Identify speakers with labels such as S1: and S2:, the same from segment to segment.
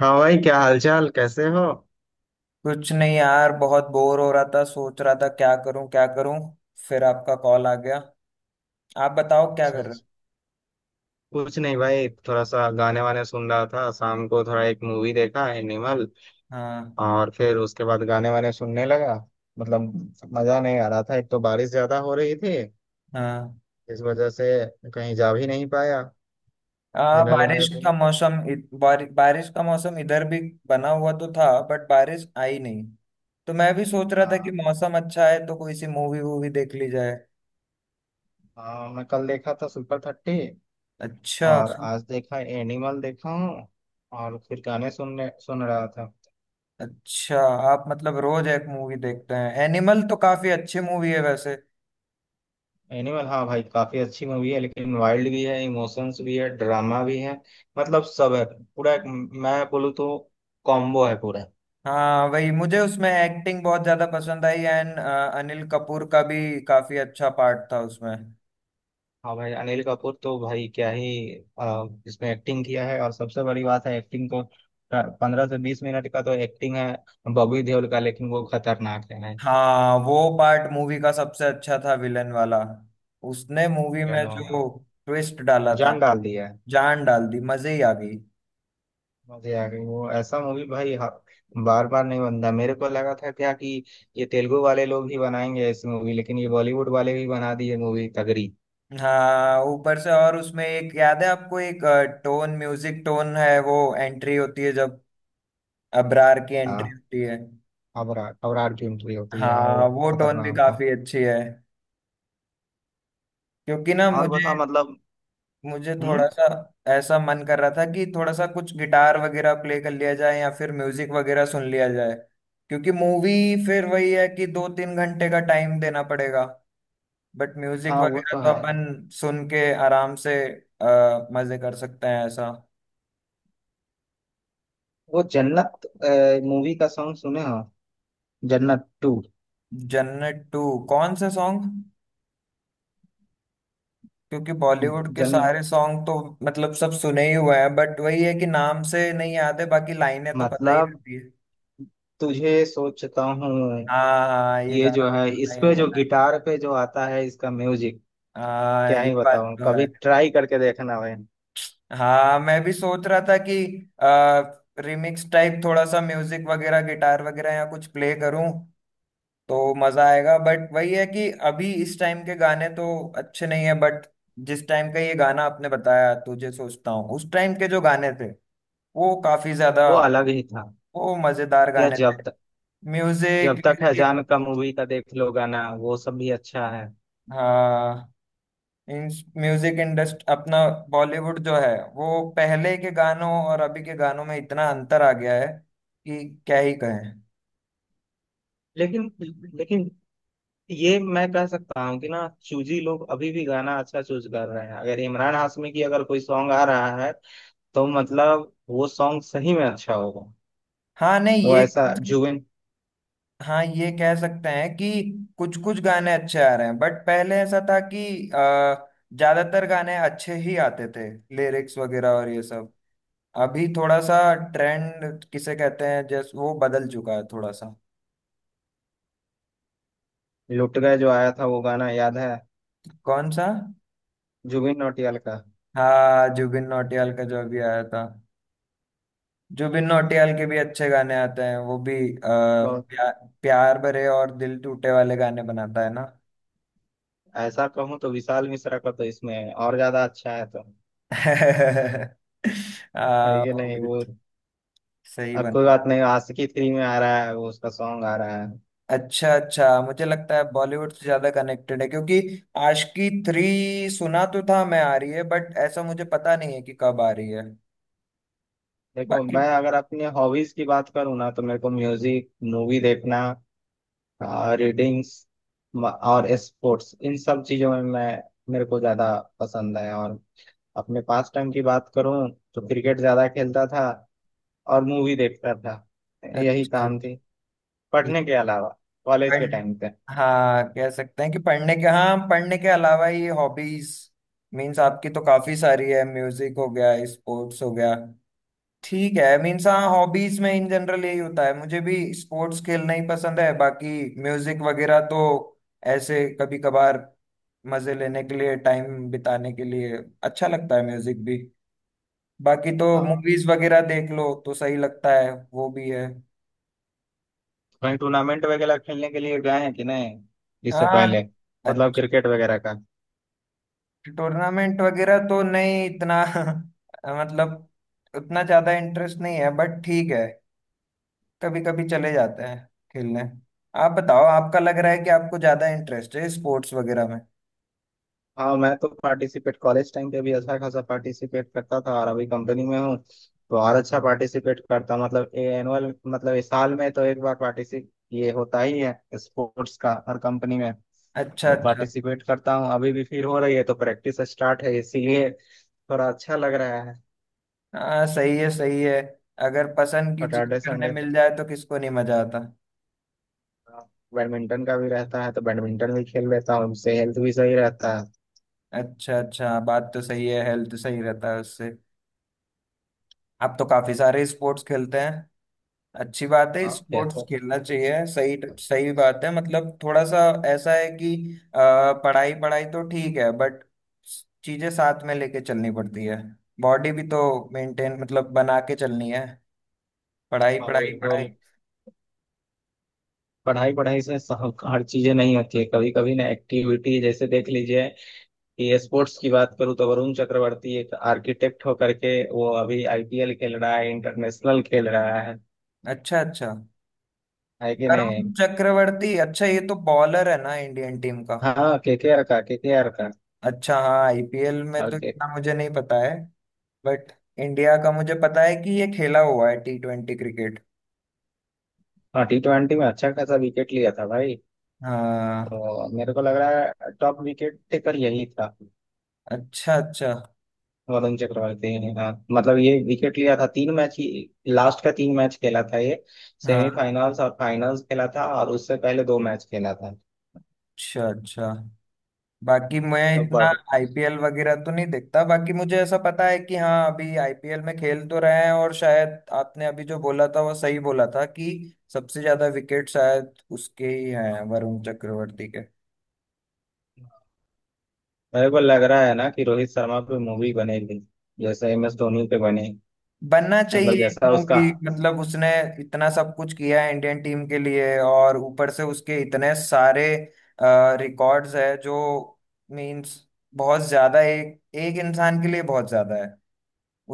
S1: हाँ भाई, क्या हालचाल, कैसे हो।
S2: कुछ नहीं यार, बहुत बोर हो रहा था। सोच रहा था क्या करूं क्या करूं। फिर आपका कॉल आ गया। आप बताओ क्या
S1: अच्छा
S2: कर रहे हो।
S1: अच्छा। कुछ नहीं भाई, थोड़ा सा गाने वाने सुन रहा था। शाम को थोड़ा एक मूवी देखा एनिमल।
S2: हाँ
S1: और फिर उसके बाद गाने वाने सुनने लगा। मतलब मजा नहीं आ रहा था, एक तो बारिश ज्यादा हो रही थी
S2: हाँ।
S1: इस वजह से कहीं जा भी नहीं पाया। जनरली मेरे
S2: बारिश
S1: को।
S2: का मौसम बारिश का मौसम इधर भी बना हुआ तो था, बट बारिश आई नहीं। तो मैं भी सोच रहा था कि
S1: हाँ।
S2: मौसम अच्छा है तो कोई सी मूवी वूवी देख ली जाए।
S1: हाँ, मैं कल देखा था सुपर 30।
S2: अच्छा
S1: और आज देखा एनिमल देखा हूँ। और फिर गाने सुन रहा था।
S2: अच्छा। आप मतलब रोज एक मूवी देखते हैं? एनिमल तो काफी अच्छी मूवी है वैसे।
S1: एनिमल हाँ भाई, काफी अच्छी मूवी है, लेकिन वाइल्ड भी है, इमोशंस भी है, ड्रामा भी है। मतलब सब है। पूरा एक मैं बोलूँ तो कॉम्बो है पूरा।
S2: हाँ, वही मुझे उसमें एक्टिंग बहुत ज्यादा पसंद आई एंड अनिल कपूर का भी काफी अच्छा पार्ट था उसमें।
S1: हाँ भाई, अनिल कपूर तो भाई क्या ही। इसमें एक्टिंग किया है, और सबसे बड़ी बात है एक्टिंग तो 15 से 20 मिनट का तो एक्टिंग है बॉबी देओल का, लेकिन वो खतरनाक है भाई।
S2: हाँ, वो पार्ट मूवी का सबसे अच्छा था, विलन वाला। उसने मूवी में
S1: विलन हो गया।
S2: जो ट्विस्ट डाला था,
S1: जान डाल दिया है।
S2: जान डाल दी। मजे ही आ गई।
S1: मजे आ गए। वो ऐसा मूवी भाई, हाँ, बार बार नहीं बनता। मेरे को लगा था क्या कि ये तेलुगु वाले लोग ही बनाएंगे ऐसी मूवी, लेकिन ये बॉलीवुड वाले भी बना दिए मूवी तगड़ी।
S2: हाँ, ऊपर से। और उसमें एक याद है आपको, एक टोन, म्यूजिक टोन है, वो एंट्री होती है जब अबरार की एंट्री
S1: हाँ।
S2: होती है।
S1: अबरार अबरार की एंट्री होती है, हाँ वो
S2: हाँ, वो टोन भी
S1: खतरनाक था।
S2: काफी अच्छी है। क्योंकि ना
S1: और
S2: मुझे
S1: बता मतलब।
S2: मुझे
S1: हम्म।
S2: थोड़ा सा ऐसा मन कर रहा था कि थोड़ा सा कुछ गिटार वगैरह प्ले कर लिया जाए या फिर म्यूजिक वगैरह सुन लिया जाए। क्योंकि मूवी फिर वही है कि दो तीन घंटे का टाइम देना पड़ेगा। बट म्यूजिक
S1: हाँ वो
S2: वगैरह
S1: तो
S2: तो
S1: है।
S2: अपन सुन के आराम से मजे कर सकते हैं ऐसा।
S1: वो जन्नत मूवी का सॉन्ग सुने हो, जन्नत 2।
S2: जन्नत टू? कौन सा सॉन्ग? क्योंकि बॉलीवुड के
S1: जन
S2: सारे सॉन्ग तो मतलब सब सुने ही हुए हैं, बट वही है कि नाम से नहीं याद है, बाकी लाइनें तो पता ही
S1: मतलब
S2: रहती है।
S1: तुझे सोचता हूँ।
S2: हाँ हाँ हाँ, ये
S1: ये
S2: गाना
S1: जो
S2: तो
S1: है,
S2: सुना
S1: इस
S2: ही
S1: पे
S2: हुआ
S1: जो
S2: है।
S1: गिटार पे जो आता है इसका म्यूजिक
S2: हाँ,
S1: क्या
S2: ये
S1: ही
S2: बात
S1: बताऊं।
S2: तो
S1: कभी
S2: है।
S1: ट्राई करके देखना भाई।
S2: हाँ, मैं भी सोच रहा था कि आ, रिमिक्स टाइप थोड़ा सा म्यूजिक वगैरह गिटार वगैरह या कुछ प्ले करूं तो मजा आएगा। बट वही है कि अभी इस टाइम के गाने तो अच्छे नहीं है। बट जिस टाइम का ये गाना आपने बताया, तुझे सोचता हूँ, उस टाइम के जो गाने थे वो काफी ज्यादा,
S1: वो अलग ही था।
S2: वो मजेदार
S1: या
S2: गाने थे,
S1: जब तक।
S2: म्यूजिक
S1: जब तक है
S2: लिरिक।
S1: जान का मूवी का देख लो, गाना वो सब भी अच्छा है।
S2: हाँ, म्यूजिक इंडस्ट अपना बॉलीवुड जो है, वो पहले के गानों और अभी के गानों में इतना अंतर आ गया है कि क्या ही कहें।
S1: लेकिन लेकिन ये मैं कह सकता हूँ कि ना चूजी लोग अभी भी गाना अच्छा चूज कर रहे हैं। अगर इमरान हाशमी की अगर कोई सॉन्ग आ रहा है तो मतलब वो सॉन्ग सही में अच्छा होगा।
S2: हाँ नहीं
S1: वो
S2: ये।
S1: ऐसा जुबिन
S2: हाँ, ये कह सकते हैं कि कुछ कुछ गाने अच्छे आ रहे हैं, बट पहले ऐसा था कि अ, ज्यादातर गाने अच्छे ही आते थे, लिरिक्स वगैरह और ये सब। अभी थोड़ा सा ट्रेंड किसे कहते हैं जैस, वो बदल चुका है थोड़ा सा।
S1: लुट गए जो आया था वो गाना याद है,
S2: कौन सा?
S1: जुबिन नौटियाल का।
S2: हाँ, जुबिन नौटियाल का जो अभी आया था। जुबिन नौटियाल के भी अच्छे गाने आते हैं। वो भी
S1: बहुत
S2: प्या, प्यार भरे और दिल टूटे वाले गाने बनाता है ना।
S1: ऐसा कहूँ तो विशाल मिश्रा का तो इसमें और ज्यादा अच्छा है, तो है कि
S2: वो भी
S1: नहीं वो।
S2: सही
S1: अब
S2: बन।
S1: कोई बात नहीं, आशिकी 3 में आ रहा है वो, उसका सॉन्ग आ रहा है।
S2: अच्छा अच्छा, मुझे लगता है बॉलीवुड से ज्यादा कनेक्टेड है, क्योंकि आशिकी थ्री सुना तो था मैं, आ रही है, बट ऐसा मुझे पता नहीं है कि कब आ रही है।
S1: देखो,
S2: बाकी,
S1: मैं अगर अपने हॉबीज की बात करूँ ना तो मेरे को म्यूजिक, मूवी देखना, रीडिंग्स और स्पोर्ट्स, इन सब चीजों में मैं, मेरे को ज्यादा पसंद है। और अपने पास टाइम की बात करूँ तो क्रिकेट ज्यादा खेलता था और मूवी देखता था। यही
S2: अच्छा,
S1: काम थी पढ़ने के अलावा कॉलेज
S2: पढ़
S1: के टाइम पे।
S2: हाँ, कह सकते हैं कि पढ़ने के हाँ, पढ़ने के अलावा ये हॉबीज मीन्स आपकी तो काफी सारी है, म्यूजिक हो गया, स्पोर्ट्स हो गया। ठीक है, मीन्स हाँ, हॉबीज में इन जनरल यही होता है। मुझे भी स्पोर्ट्स खेलना ही पसंद है, बाकी म्यूजिक वगैरह तो ऐसे कभी कभार मजे लेने के लिए, टाइम बिताने के लिए अच्छा लगता है म्यूजिक भी। बाकी तो
S1: हाँ,
S2: मूवीज वगैरह देख लो तो सही लगता है, वो भी है।
S1: कहीं टूर्नामेंट वगैरह खेलने के लिए गए हैं कि नहीं इससे
S2: हाँ,
S1: पहले, मतलब क्रिकेट वगैरह।
S2: टूर्नामेंट वगैरह तो नहीं इतना मतलब उतना ज्यादा इंटरेस्ट नहीं है, बट ठीक है, कभी कभी चले जाते हैं खेलने। आप बताओ, आपका लग रहा है कि आपको ज्यादा इंटरेस्ट है स्पोर्ट्स वगैरह में।
S1: हाँ मैं तो पार्टिसिपेट कॉलेज टाइम पे भी अच्छा खासा पार्टिसिपेट करता था, और अभी कंपनी में हूँ तो और अच्छा पार्टिसिपेट करता, मतलब एनुअल, मतलब इस साल में तो एक बार पार्टिसिपेट ये होता ही है स्पोर्ट्स का हर कंपनी में।
S2: अच्छा
S1: तो
S2: अच्छा।
S1: पार्टिसिपेट करता हूँ अभी भी, फिर हो रही है तो प्रैक्टिस स्टार्ट है, इसीलिए थोड़ा अच्छा लग रहा है।
S2: हाँ, सही है सही है। अगर पसंद की चीज
S1: सैटरडे
S2: करने
S1: संडे
S2: मिल जाए तो किसको नहीं मजा आता।
S1: बैडमिंटन का भी रहता है तो बैडमिंटन भी खेल लेता हूँ, उससे हेल्थ भी सही रहता है।
S2: अच्छा अच्छा, बात तो सही है, हेल्थ सही रहता है उससे। आप तो काफी सारे स्पोर्ट्स खेलते हैं, अच्छी बात है,
S1: हाँ खेलता
S2: स्पोर्ट्स
S1: हूँ।
S2: खेलना चाहिए, सही सही बात है। मतलब थोड़ा सा ऐसा है कि अ, पढ़ाई पढ़ाई तो ठीक है, बट चीजें साथ में लेके चलनी पड़ती है। बॉडी भी तो मेंटेन मतलब बना के चलनी है। पढ़ाई
S1: हाँ
S2: पढ़ाई पढ़ाई।
S1: बिल्कुल। पढ़ाई पढ़ाई से हर चीजें नहीं होती है। कभी कभी ना एक्टिविटी जैसे देख लीजिए कि स्पोर्ट्स की बात करूँ तो वरुण चक्रवर्ती एक आर्किटेक्ट होकर के वो अभी आईपीएल खेल रहा है, इंटरनेशनल खेल रहा है
S2: अच्छा अच्छा।
S1: है कि
S2: वरुण
S1: नहीं।
S2: चक्रवर्ती? अच्छा, ये तो बॉलर है ना इंडियन टीम का।
S1: हाँ केकेआर का,
S2: अच्छा, हाँ, आईपीएल में तो
S1: और के
S2: इतना मुझे नहीं पता है। बट इंडिया का मुझे पता है कि ये खेला हुआ है टी ट्वेंटी क्रिकेट।
S1: हाँ T20 में अच्छा खासा विकेट लिया था भाई।
S2: हाँ।
S1: तो मेरे को लग रहा है टॉप विकेट टेकर यही था,
S2: अच्छा अच्छा।
S1: वरुण चक्रवर्ती ने, हाँ मतलब ये विकेट लिया था तीन मैच ही, लास्ट का तीन मैच खेला था ये।
S2: हाँ,
S1: सेमीफाइनल्स और फाइनल्स खेला था और उससे पहले दो मैच खेला था।
S2: अच्छा अच्छा। बाकी मैं
S1: तो
S2: इतना
S1: बट
S2: आईपीएल वगैरह तो नहीं देखता, बाकी मुझे ऐसा पता है कि हाँ, अभी आईपीएल में खेल तो रहे हैं, और शायद आपने अभी जो बोला था वो सही बोला था कि सबसे ज्यादा विकेट शायद उसके ही हैं, वरुण चक्रवर्ती के।
S1: मेरे को लग रहा है ना कि रोहित शर्मा पे मूवी बनेगी जैसे MS धोनी पे बने।
S2: बनना चाहिए
S1: मतलब
S2: एक
S1: जैसा उसका।
S2: मूवी। मतलब उसने इतना सब कुछ किया है इंडियन टीम के लिए, और ऊपर से उसके इतने सारे रिकॉर्ड्स है जो मीन्स बहुत ज्यादा। एक एक इंसान के लिए बहुत ज्यादा,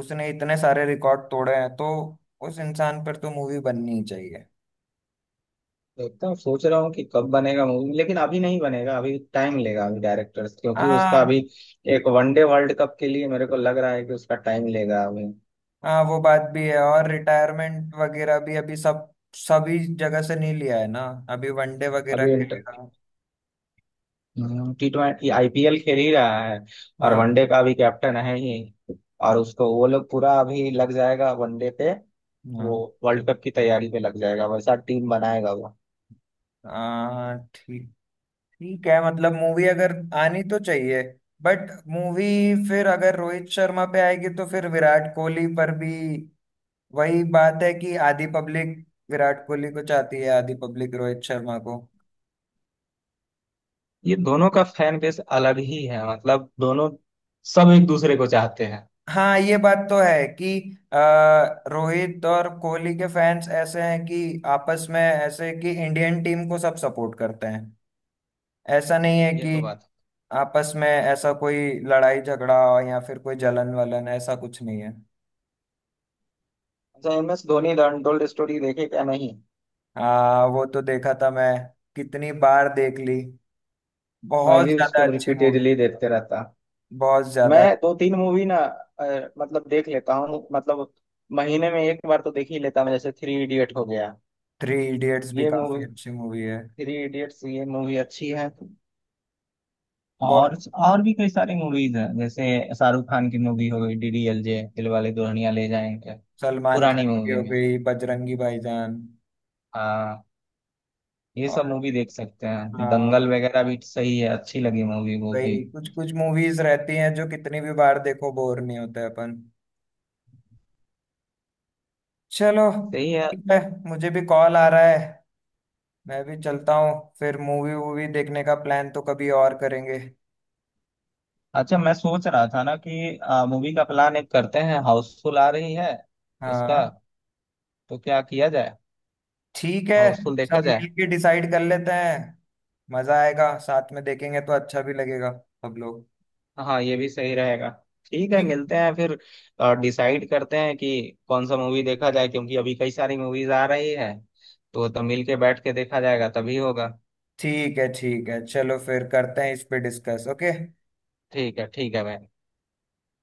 S2: उसने इतने सारे रिकॉर्ड तोड़े हैं। तो उस इंसान पर तो मूवी बननी ही चाहिए।
S1: देखता हूँ, सोच रहा हूँ कि कब बनेगा मूवी, लेकिन अभी नहीं बनेगा, अभी टाइम लेगा, अभी डायरेक्टर्स, क्योंकि उसका
S2: हाँ।
S1: अभी एक वनडे वर्ल्ड कप के लिए मेरे को लग रहा है कि उसका टाइम लेगा अभी।
S2: हाँ, वो बात भी है, और रिटायरमेंट वगैरह भी अभी सब सभी जगह से नहीं लिया है ना, अभी वनडे वगैरह
S1: अभी
S2: के लिए।
S1: इंटर
S2: हाँ।
S1: T20 आईपीएल खेल ही रहा है, और
S2: हाँ
S1: वनडे का भी कैप्टन है ही, और उसको वो लोग पूरा अभी लग जाएगा वनडे पे, वो वर्ल्ड कप की तैयारी पे लग जाएगा, वैसा टीम बनाएगा वो।
S2: हाँ हाँ, ठीक। ठीक है, मतलब मूवी अगर आनी तो चाहिए, बट मूवी फिर अगर रोहित शर्मा पे आएगी तो फिर विराट कोहली पर भी। वही बात है कि आधी पब्लिक विराट कोहली को चाहती है, आधी पब्लिक रोहित शर्मा को।
S1: ये दोनों का फैन बेस अलग ही है, मतलब दोनों, सब एक दूसरे को चाहते हैं।
S2: हाँ, ये बात तो है कि अ, रोहित और कोहली के फैंस ऐसे हैं कि आपस में ऐसे कि इंडियन टीम को सब सपोर्ट करते हैं। ऐसा नहीं है
S1: ये
S2: कि
S1: तो बात है।
S2: आपस में ऐसा कोई लड़ाई झगड़ा या फिर कोई जलन वलन, ऐसा कुछ नहीं है।
S1: अच्छा MS Dhoni The Untold Story देखे क्या नहीं।
S2: वो तो देखा था मैं, कितनी बार देख ली,
S1: मैं
S2: बहुत
S1: भी
S2: ज्यादा
S1: उसको
S2: अच्छी मूवी।
S1: रिपीटेडली देखते रहता।
S2: बहुत
S1: मैं
S2: ज्यादा।
S1: दो तीन मूवी ना, मतलब देख लेता हूँ, मतलब महीने में एक बार तो देख ही लेता मैं। जैसे 3 इडियट हो गया
S2: थ्री इडियट्स भी
S1: ये,
S2: काफी
S1: थ्री
S2: अच्छी मूवी है,
S1: इडियट्स ये मूवी अच्छी है।
S2: बहुत।
S1: और भी कई सारी मूवीज हैं, जैसे शाहरुख खान की मूवी हो गई डीडीएलजे, दिल वाले दुल्हनिया ले जाएंगे।
S2: सलमान खान
S1: पुरानी
S2: की
S1: मूवी
S2: हो
S1: में
S2: गई बजरंगी भाईजान।
S1: हाँ, ये सब
S2: और
S1: मूवी देख सकते हैं,
S2: हाँ,
S1: दंगल वगैरह भी सही है, अच्छी लगी मूवी वो भी।
S2: कई कुछ कुछ मूवीज रहती हैं जो कितनी भी बार देखो बोर नहीं होते अपन। चलो,
S1: सही है।
S2: ठीक है, मुझे भी कॉल आ रहा है, मैं भी चलता हूँ। फिर मूवी वूवी देखने का प्लान तो कभी और करेंगे।
S1: अच्छा, मैं सोच रहा था ना कि मूवी का प्लान एक करते हैं, हाउसफुल आ रही है उसका,
S2: हाँ।
S1: तो क्या किया जाए,
S2: ठीक है,
S1: हाउसफुल देखा
S2: सब
S1: जाए।
S2: मिलके डिसाइड कर लेते हैं। मजा आएगा, साथ में देखेंगे तो अच्छा भी लगेगा सब लोग।
S1: हाँ ये भी सही रहेगा। ठीक है
S2: ठीक
S1: मिलते
S2: है
S1: हैं फिर, डिसाइड करते हैं कि कौन सा मूवी देखा जाए, क्योंकि अभी कई सारी मूवीज आ रही है तो मिल के बैठ के देखा जाएगा तभी होगा।
S2: ठीक है ठीक है, चलो फिर करते हैं इस पे डिस्कस। ओके।
S1: ठीक है, ठीक है भाई।